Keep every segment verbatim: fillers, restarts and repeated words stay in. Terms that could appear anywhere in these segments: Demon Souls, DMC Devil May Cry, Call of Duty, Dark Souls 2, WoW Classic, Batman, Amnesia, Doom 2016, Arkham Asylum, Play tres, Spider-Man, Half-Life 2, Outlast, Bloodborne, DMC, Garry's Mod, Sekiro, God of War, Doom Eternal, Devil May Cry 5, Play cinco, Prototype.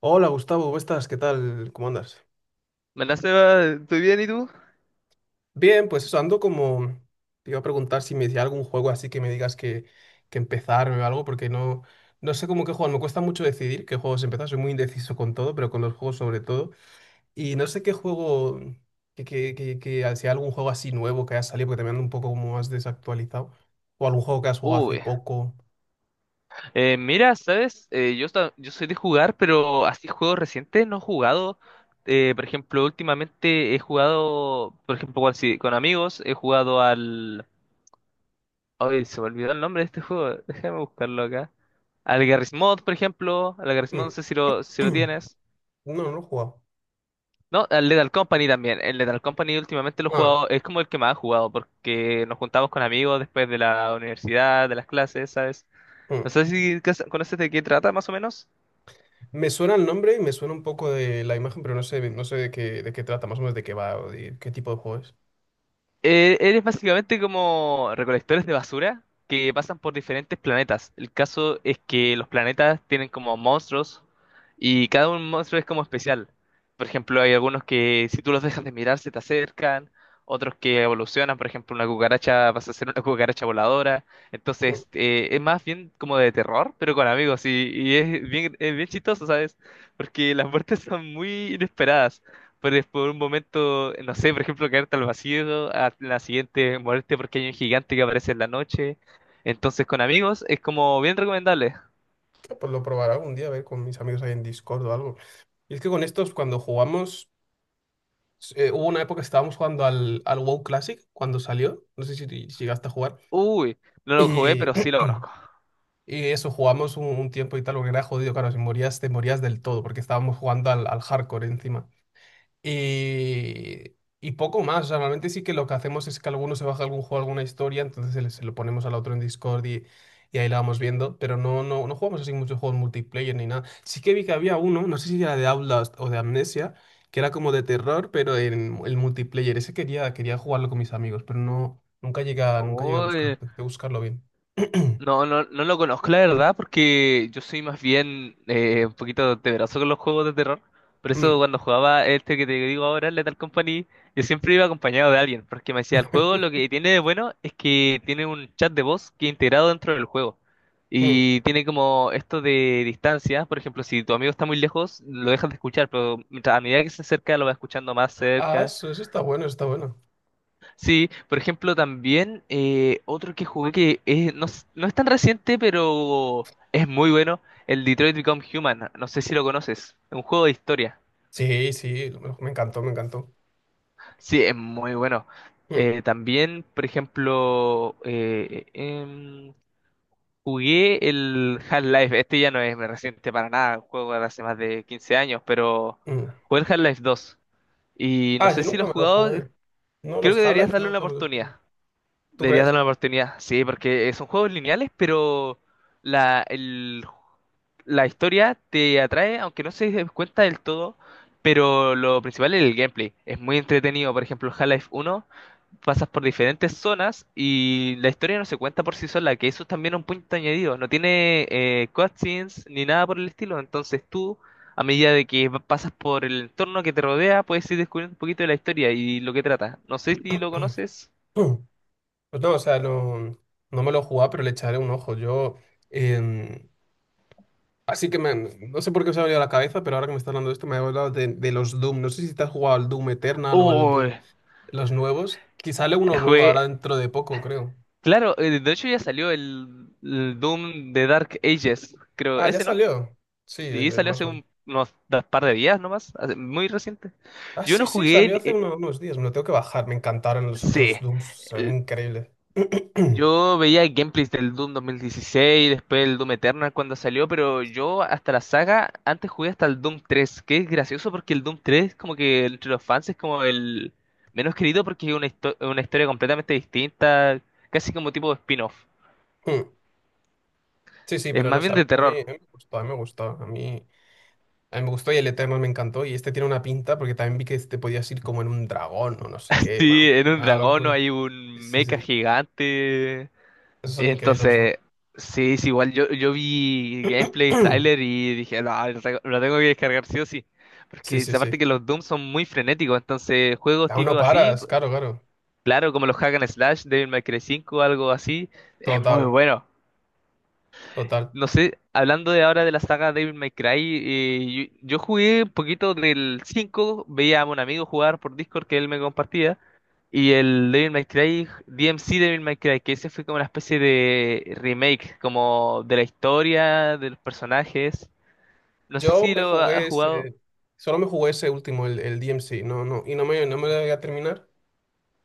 Hola Gustavo, ¿cómo estás? ¿Qué tal? ¿Cómo andas? Hola Seba, ¿estoy bien y tú? Bien, pues eso, ando como... Te iba a preguntar si me decía algún juego así que me digas que, que empezar o algo, porque no, no sé cómo qué juego, me cuesta mucho decidir qué juegos empezar, soy muy indeciso con todo, pero con los juegos sobre todo. Y no sé qué juego, que, que, que, que- si hay algún juego así nuevo que haya salido, porque también ando un poco como más desactualizado, o algún juego que has jugado hace Uy, poco. eh, mira, ¿sabes? Eh, yo, esta- yo soy de jugar, pero así juegos recientes no he jugado. Eh, por ejemplo, últimamente he jugado, por ejemplo, con, sí, con amigos, he jugado al... Ay, se me olvidó el nombre de este juego, déjame buscarlo acá. Al Garry's Mod, por ejemplo, al Garry's Mod no Mm, sé si lo, si lo tienes. No, no lo he jugado. No, al Lethal Company también. El Lethal Company últimamente lo he Ah, jugado, es como el que más he jugado, porque nos juntamos con amigos después de la universidad, de las clases, ¿sabes? mm. No sé si cas- conoces de qué trata más o menos. Me suena el nombre y me suena un poco de la imagen, pero no sé, no sé de qué, de qué trata, más o menos de qué va o de qué tipo de juego es. Eh, eres básicamente como recolectores de basura que pasan por diferentes planetas. El caso es que los planetas tienen como monstruos y cada un monstruo es como especial. Por ejemplo, hay algunos que si tú los dejas de mirar se te acercan, otros que evolucionan, por ejemplo, una cucaracha pasa a ser una cucaracha voladora. Mm. Entonces, eh, es más bien como de terror, pero con amigos y, y es bien, es bien chistoso, ¿sabes? Porque las muertes son muy inesperadas. Puedes por un momento, no sé, por ejemplo, caerte al vacío, a la siguiente muerte porque hay un gigante que aparece en la noche. Entonces, con amigos es como bien recomendable. Pues lo probaré algún día, a ver con mis amigos ahí en Discord o algo. Y es que con estos, cuando jugamos, eh, hubo una época que estábamos jugando al, al WoW Classic cuando salió, no sé si, si llegaste a jugar, Uy, no lo jugué, y pero sí lo conozco. y eso, jugamos un, un tiempo y tal, porque era jodido, claro, si morías, te morías del todo, porque estábamos jugando al, al hardcore encima. Y, y poco más. O sea, normalmente sí que lo que hacemos es que alguno se baja algún juego, alguna historia, entonces se, le- se lo ponemos al otro en Discord y, y ahí la vamos viendo. Pero no, no, no jugamos así muchos juegos multiplayer ni nada. Sí que vi que había uno, no sé si era de Outlast o de Amnesia, que era como de terror, pero en el multiplayer. Ese quería, quería jugarlo con mis amigos, pero no, nunca llegué a, nunca llegué a buscar, Uy, a buscarlo bien. No, no, no lo conozco, la verdad, porque yo soy más bien eh, un poquito temeroso con los juegos de terror. Por eso Mm. cuando jugaba este que te digo ahora, el Lethal Company, yo siempre iba acompañado de alguien, porque me decía, el juego lo que tiene de bueno es que tiene un chat de voz que es integrado dentro del juego. Mm. Y tiene como esto de distancia, por ejemplo, si tu amigo está muy lejos, lo dejas de escuchar, pero mientras- a medida que se acerca, lo vas escuchando más Ah, cerca. eso, eso está bueno, está bueno. Sí, por ejemplo, también eh, otro que jugué que es- no, es no es tan reciente, pero es muy bueno, el Detroit Become Human. No sé si lo conoces, es un juego de historia. Sí, sí, me me encantó, me encantó. Sí, es muy bueno. Mm, Eh, también, por ejemplo, eh, em, jugué el Half-Life. Este ya no es reciente para nada, un juego de hace más de quince años, pero mm. jugué el Half-Life dos. Y no Ah, sé yo si lo nunca has me lo jugado, jugué. No, creo que los deberías Half-Life darle una nunca me los oportunidad. jugué. ¿Tú Deberías crees? darle una oportunidad. Sí, porque eh, son juegos lineales, pero la, el- la historia te atrae, aunque no se dé cuenta del todo. Pero lo principal es el gameplay. Es muy entretenido. Por ejemplo, Half-Life uno pasas por diferentes zonas y la historia no se cuenta por sí sola, que eso es también un punto añadido. No tiene eh, cutscenes ni nada por el estilo. Entonces tú, a medida de que va- pasas por el entorno que te rodea, puedes ir descubriendo un poquito de la historia y lo que trata. No sé si lo conoces. Mm. Pues no, o sea, no, no me lo jugaba, pero le echaré un ojo. Yo, em, así que me, no sé por qué se me ha venido a la cabeza, pero ahora que me estás hablando de esto, me ha hablado de, de los Doom. No sé si te has jugado al Doom Eternal o al Uy, Doom, los nuevos. Que sale uno nuevo ahora Jugué. dentro de poco, creo. Claro, eh, de hecho ya salió el, el Doom de Dark Ages, creo, Ah, ya ese, ¿no? salió. Sí, Sí, el, el salió más hace nuevo. un- unos da- par de días nomás, hace- muy reciente. Ah, Yo no sí, sí, jugué, salió hace eh, uno- unos días. Me lo tengo que bajar. Me encantaron los sí, otros Dooms. Son El- increíbles. yo veía gameplays del Doom dos mil dieciséis, después el Doom Eternal cuando salió, pero yo hasta la saga, antes jugué hasta el Doom tres, que es gracioso porque el Doom tres como que entre los fans es como el menos querido porque es una, histo- una historia completamente distinta, casi como tipo spin-off, Sí, sí, es pero más no sé, bien a mí, de a mí terror. a mí me gustó, a mí me gustó, a mí, a mí me gustó y el Eternal me encantó y este tiene una pinta porque también vi que te podías ir como en un dragón o no sé qué, Sí, bueno, en un una dragón no locura. hay Sí, un sí, mecha sí, gigante. esos son increíbles los Doom. Entonces, sí, es igual. Yo, yo vi gameplay, trailer y dije, no, lo tengo lo tengo que descargar sí o sí. Sí, Porque es sí, sí, aparte que los Doom son muy frenéticos. Entonces, juegos aún no tipo así, paras, claro, claro, claro, como los Hack and Slash, Devil May Cry cinco, algo así, es muy total, bueno. total. No sé, hablando de ahora de la saga Devil May Cry, eh, yo, yo jugué un poquito del cinco veía a un amigo jugar por Discord que él me compartía, y el Devil May Cry, D M C Devil May Cry, que ese fue como una especie de remake, como de la historia, de los personajes. No sé Yo si me lo ha- has jugué jugado. ese, solo me jugué ese último, el, el D M C no, no, y no me, no me lo voy a terminar,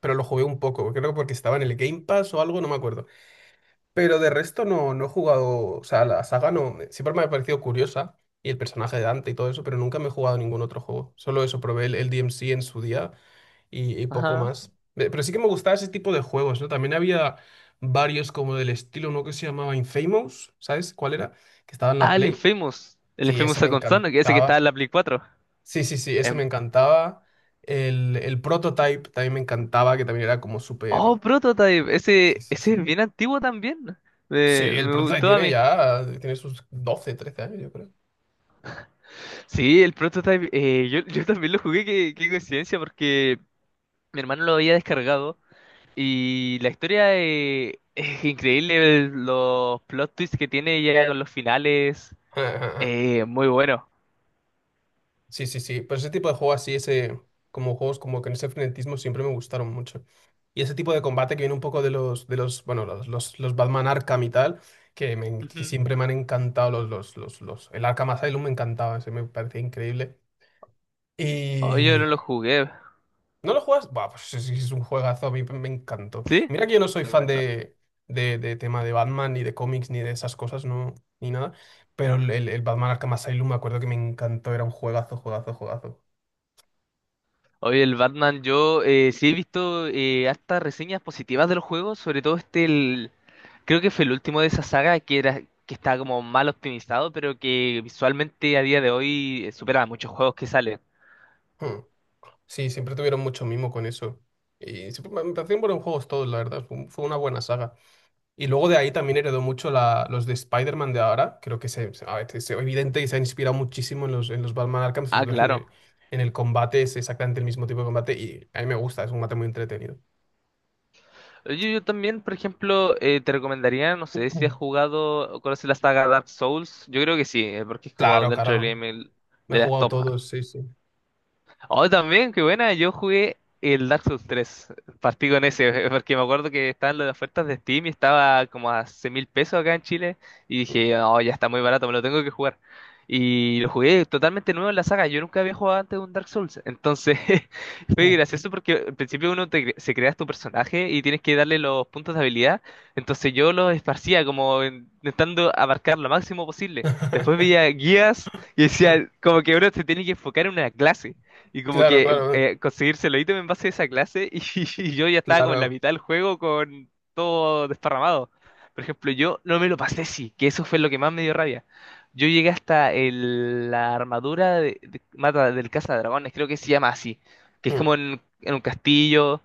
pero lo jugué un poco, creo que porque estaba en el Game Pass o algo, no me acuerdo. Pero de resto no, no he jugado, o sea, la saga no, me- siempre me ha parecido curiosa y el personaje de Dante y todo eso, pero nunca me he jugado ningún otro juego. Solo eso, probé el, el D M C en su día y, y poco Ajá. más. Eh, Pero sí que me gustaba ese tipo de juegos, ¿no? También había varios como del estilo, ¿no? Que se llamaba Infamous, ¿sabes cuál era? Que estaba en la Ah, el Play. Infamous. El Sí, Infamous ese me Second Son, que ese que estaba en encantaba. la Play cuatro. Sí, sí, sí, ese me Em, encantaba. El, el Prototype también me encantaba, que también era como oh, súper... Prototype, Sí, ese, sí, sí. ese es bien antiguo también. Sí, Me, el Me Prototype gustó a tiene mí. ya, tiene sus doce trece años, yo creo. Sí, el Prototype, eh, yo, yo también lo jugué, qué, qué coincidencia, porque mi hermano lo había descargado y la historia eh, es increíble, el- los plot twists que tiene ya con los finales, eh, muy bueno. Sí, sí, sí, pero ese tipo de juego así, ese, como juegos como con ese frenetismo siempre me gustaron mucho. Y ese tipo de combate que viene un poco de los, de los, bueno, los, los, los Batman Arkham y tal, que, me que Ujú. siempre me han encantado los, los, los, los, el Arkham Asylum me encantaba, ese me parecía increíble. Oh, yo no Y lo jugué, ¿No lo juegas? Buah, pues es, es un juegazo, a mí me encantó. ¿sí? Y mira que yo no soy fan Recomendado. de, de, de tema de Batman, ni de cómics, ni de esas cosas, no, ni nada. Pero el, el- el Batman Arkham Asylum me acuerdo que me encantó, era un juegazo, juegazo, juegazo. Oye, el Batman, yo eh, sí he visto eh, hartas reseñas positivas de los juegos, sobre todo este. Creo que fue el último de esa saga que era que estaba como mal optimizado, pero que visualmente a día de hoy eh, supera a muchos juegos que salen. Hmm. Sí, siempre tuvieron mucho mimo con eso. Y siempre me me parecieron buenos juegos todos, la verdad. Fue, fue una buena saga. Y luego de ahí también heredó mucho la- los de Spider-Man de ahora. Creo que se, se- a ver, es evidente y se ha inspirado muchísimo en los, en los Batman Arkham. Ah, Sobre todo en claro. el, en el combate es exactamente el mismo tipo de combate y a mí me gusta, es un combate muy entretenido. Yo, yo también, por ejemplo, eh, te recomendaría, no sé si has Mm. jugado o conoces la saga Dark Souls. Yo creo que sí, eh, porque es como Claro, dentro del claro. game el- Me he de las jugado top. todos, sí, sí. Oh, también, qué buena. Yo jugué el Dark Souls tres. Partí con ese, porque me acuerdo que estaban las ofertas de Steam y estaba como a seis mil pesos acá en Chile. Y Mm, dije, oh, ya está muy barato, me lo tengo que jugar. Y lo jugué totalmente nuevo en la saga. Yo nunca había jugado antes un Dark Souls. Entonces, fue mm. gracioso porque al principio uno te cre- se crea tu personaje y tienes que darle los puntos de habilidad. Entonces yo los esparcía como en- intentando abarcar lo máximo posible. Después veía guías y decía, como que uno se tiene que enfocar en una clase. Y como Claro, que claro, eh, conseguirse los ítems en base a esa clase y, y yo ya estaba como en la claro. mitad del juego con todo desparramado. Por ejemplo, yo no me lo pasé sí, que eso fue lo que más me dio rabia. Yo llegué hasta el- la armadura de, de- mata del Casa Dragones, creo que se llama así, que es Mm. como en, en un castillo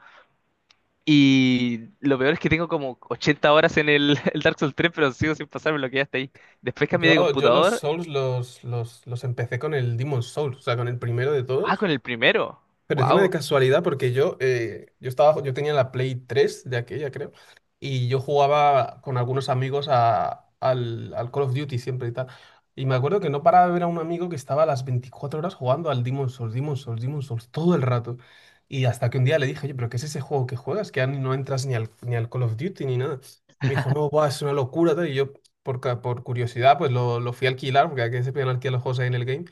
y lo peor es que tengo como ochenta horas en el, el Dark Souls tres pero sigo sin pasarme lo que ya está ahí. Después cambié de Yo, yo los computador, Souls los, los, los empecé con el Demon Souls, o sea, con el primero de ah, todos. con el primero. Pero encima de Wow. casualidad, porque yo, eh, yo estaba, yo tenía la Play tres de aquella, creo, y yo jugaba con algunos amigos a- al, al Call of Duty siempre y tal. Y me acuerdo que no paraba de ver a un amigo que estaba a las veinticuatro horas jugando al Demon's Souls, Demon's Souls, Demon's Souls, todo el rato. Y hasta que un día le dije, oye, pero ¿qué es ese juego que juegas? Que ya ni- no entras ni al, ni al Call of Duty ni nada. Me dijo, no, buah, es una locura, tal. Y yo, por, ca- por curiosidad, pues lo, lo fui a alquilar, porque aquí se podían alquilar los juegos ahí en el game.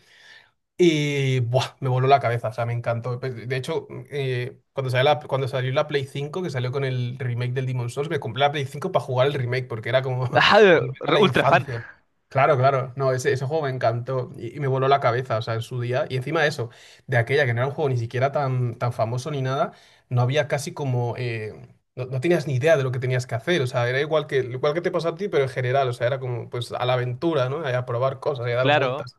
Y buah, me voló la cabeza, o sea, me encantó. Pues, de hecho, eh, cuando salió la, cuando salió la Play cinco que salió con el remake del Demon's Souls, me compré la Play cinco para jugar el remake, porque era como Ajá, volver a la ultra fan. infancia. Claro, claro, no, ese, ese juego me encantó y, y me voló la cabeza, o sea, en su día. Y encima de eso, de aquella que no era un juego ni siquiera tan, tan famoso ni nada, no había casi como... eh, no, no tenías ni idea de lo que tenías que hacer, o sea, era igual que, igual que te pasó a ti, pero en general, o sea, era como pues a la aventura, ¿no? A probar cosas, a dar Claro. vueltas.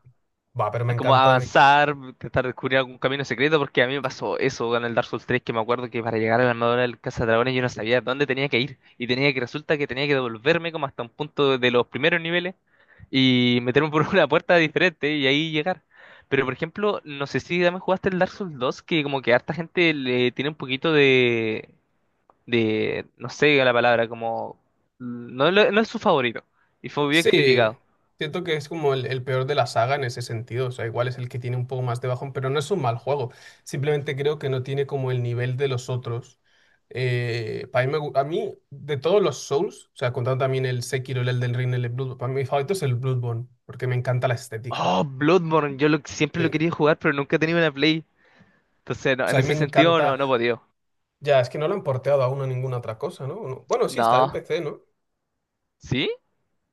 Va, pero me Es como encantó. avanzar, tratar de descubrir algún camino secreto, porque a mí me pasó eso en el Dark Souls tres, que me acuerdo que para llegar a la armadura del Cazadragones yo no sabía dónde tenía que ir, y tenía que, resulta que tenía que devolverme como hasta un punto de los primeros niveles, y meterme por una puerta diferente, y ahí llegar. Pero por ejemplo, no sé si también jugaste el Dark Souls dos, que como que harta gente le tiene un poquito de, de, no sé la palabra, como, no, lo- no es su favorito, y fue bien Sí, criticado. siento que es como el, el peor de la saga en ese sentido. O sea, igual es el que tiene un poco más de bajón, pero no es un mal juego. Simplemente creo que no tiene como el nivel de los otros. Eh, para mí me gu- a mí, de todos los Souls, o sea, contando también el Sekiro, el Elden Ring, el Bloodborne, para mí mi favorito es el Bloodborne, porque me encanta la estética. Oh, Bloodborne, yo lo- siempre lo Sí. quería jugar, pero nunca he tenido una Play. Entonces, O no, en sea, a mí me ese sentido, no, encanta. no he podido. Ya, es que no lo han porteado aún a ninguna otra cosa, ¿no? no? Bueno, sí, está en No. P C, ¿no? ¿Sí?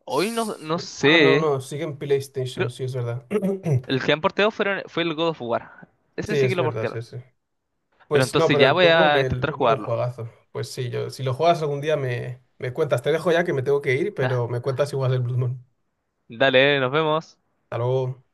Hoy no, no Sí. Ah, no, sé. no, sigue en PlayStation, Creo- sí, es verdad. el que han porteado fueron, fue el God of War. Sí, Ese sí que es lo verdad, portearon. sí, sí. Pero Pues no, entonces pero ya el voy a Bloodborne, el intentar Bloodborne es un jugarlo. juegazo. Pues sí, yo, si lo juegas algún día me, me cuentas. Te dejo ya que me tengo que ir, pero me cuentas si juegas el Bloodborne. Dale, nos vemos. Hasta luego.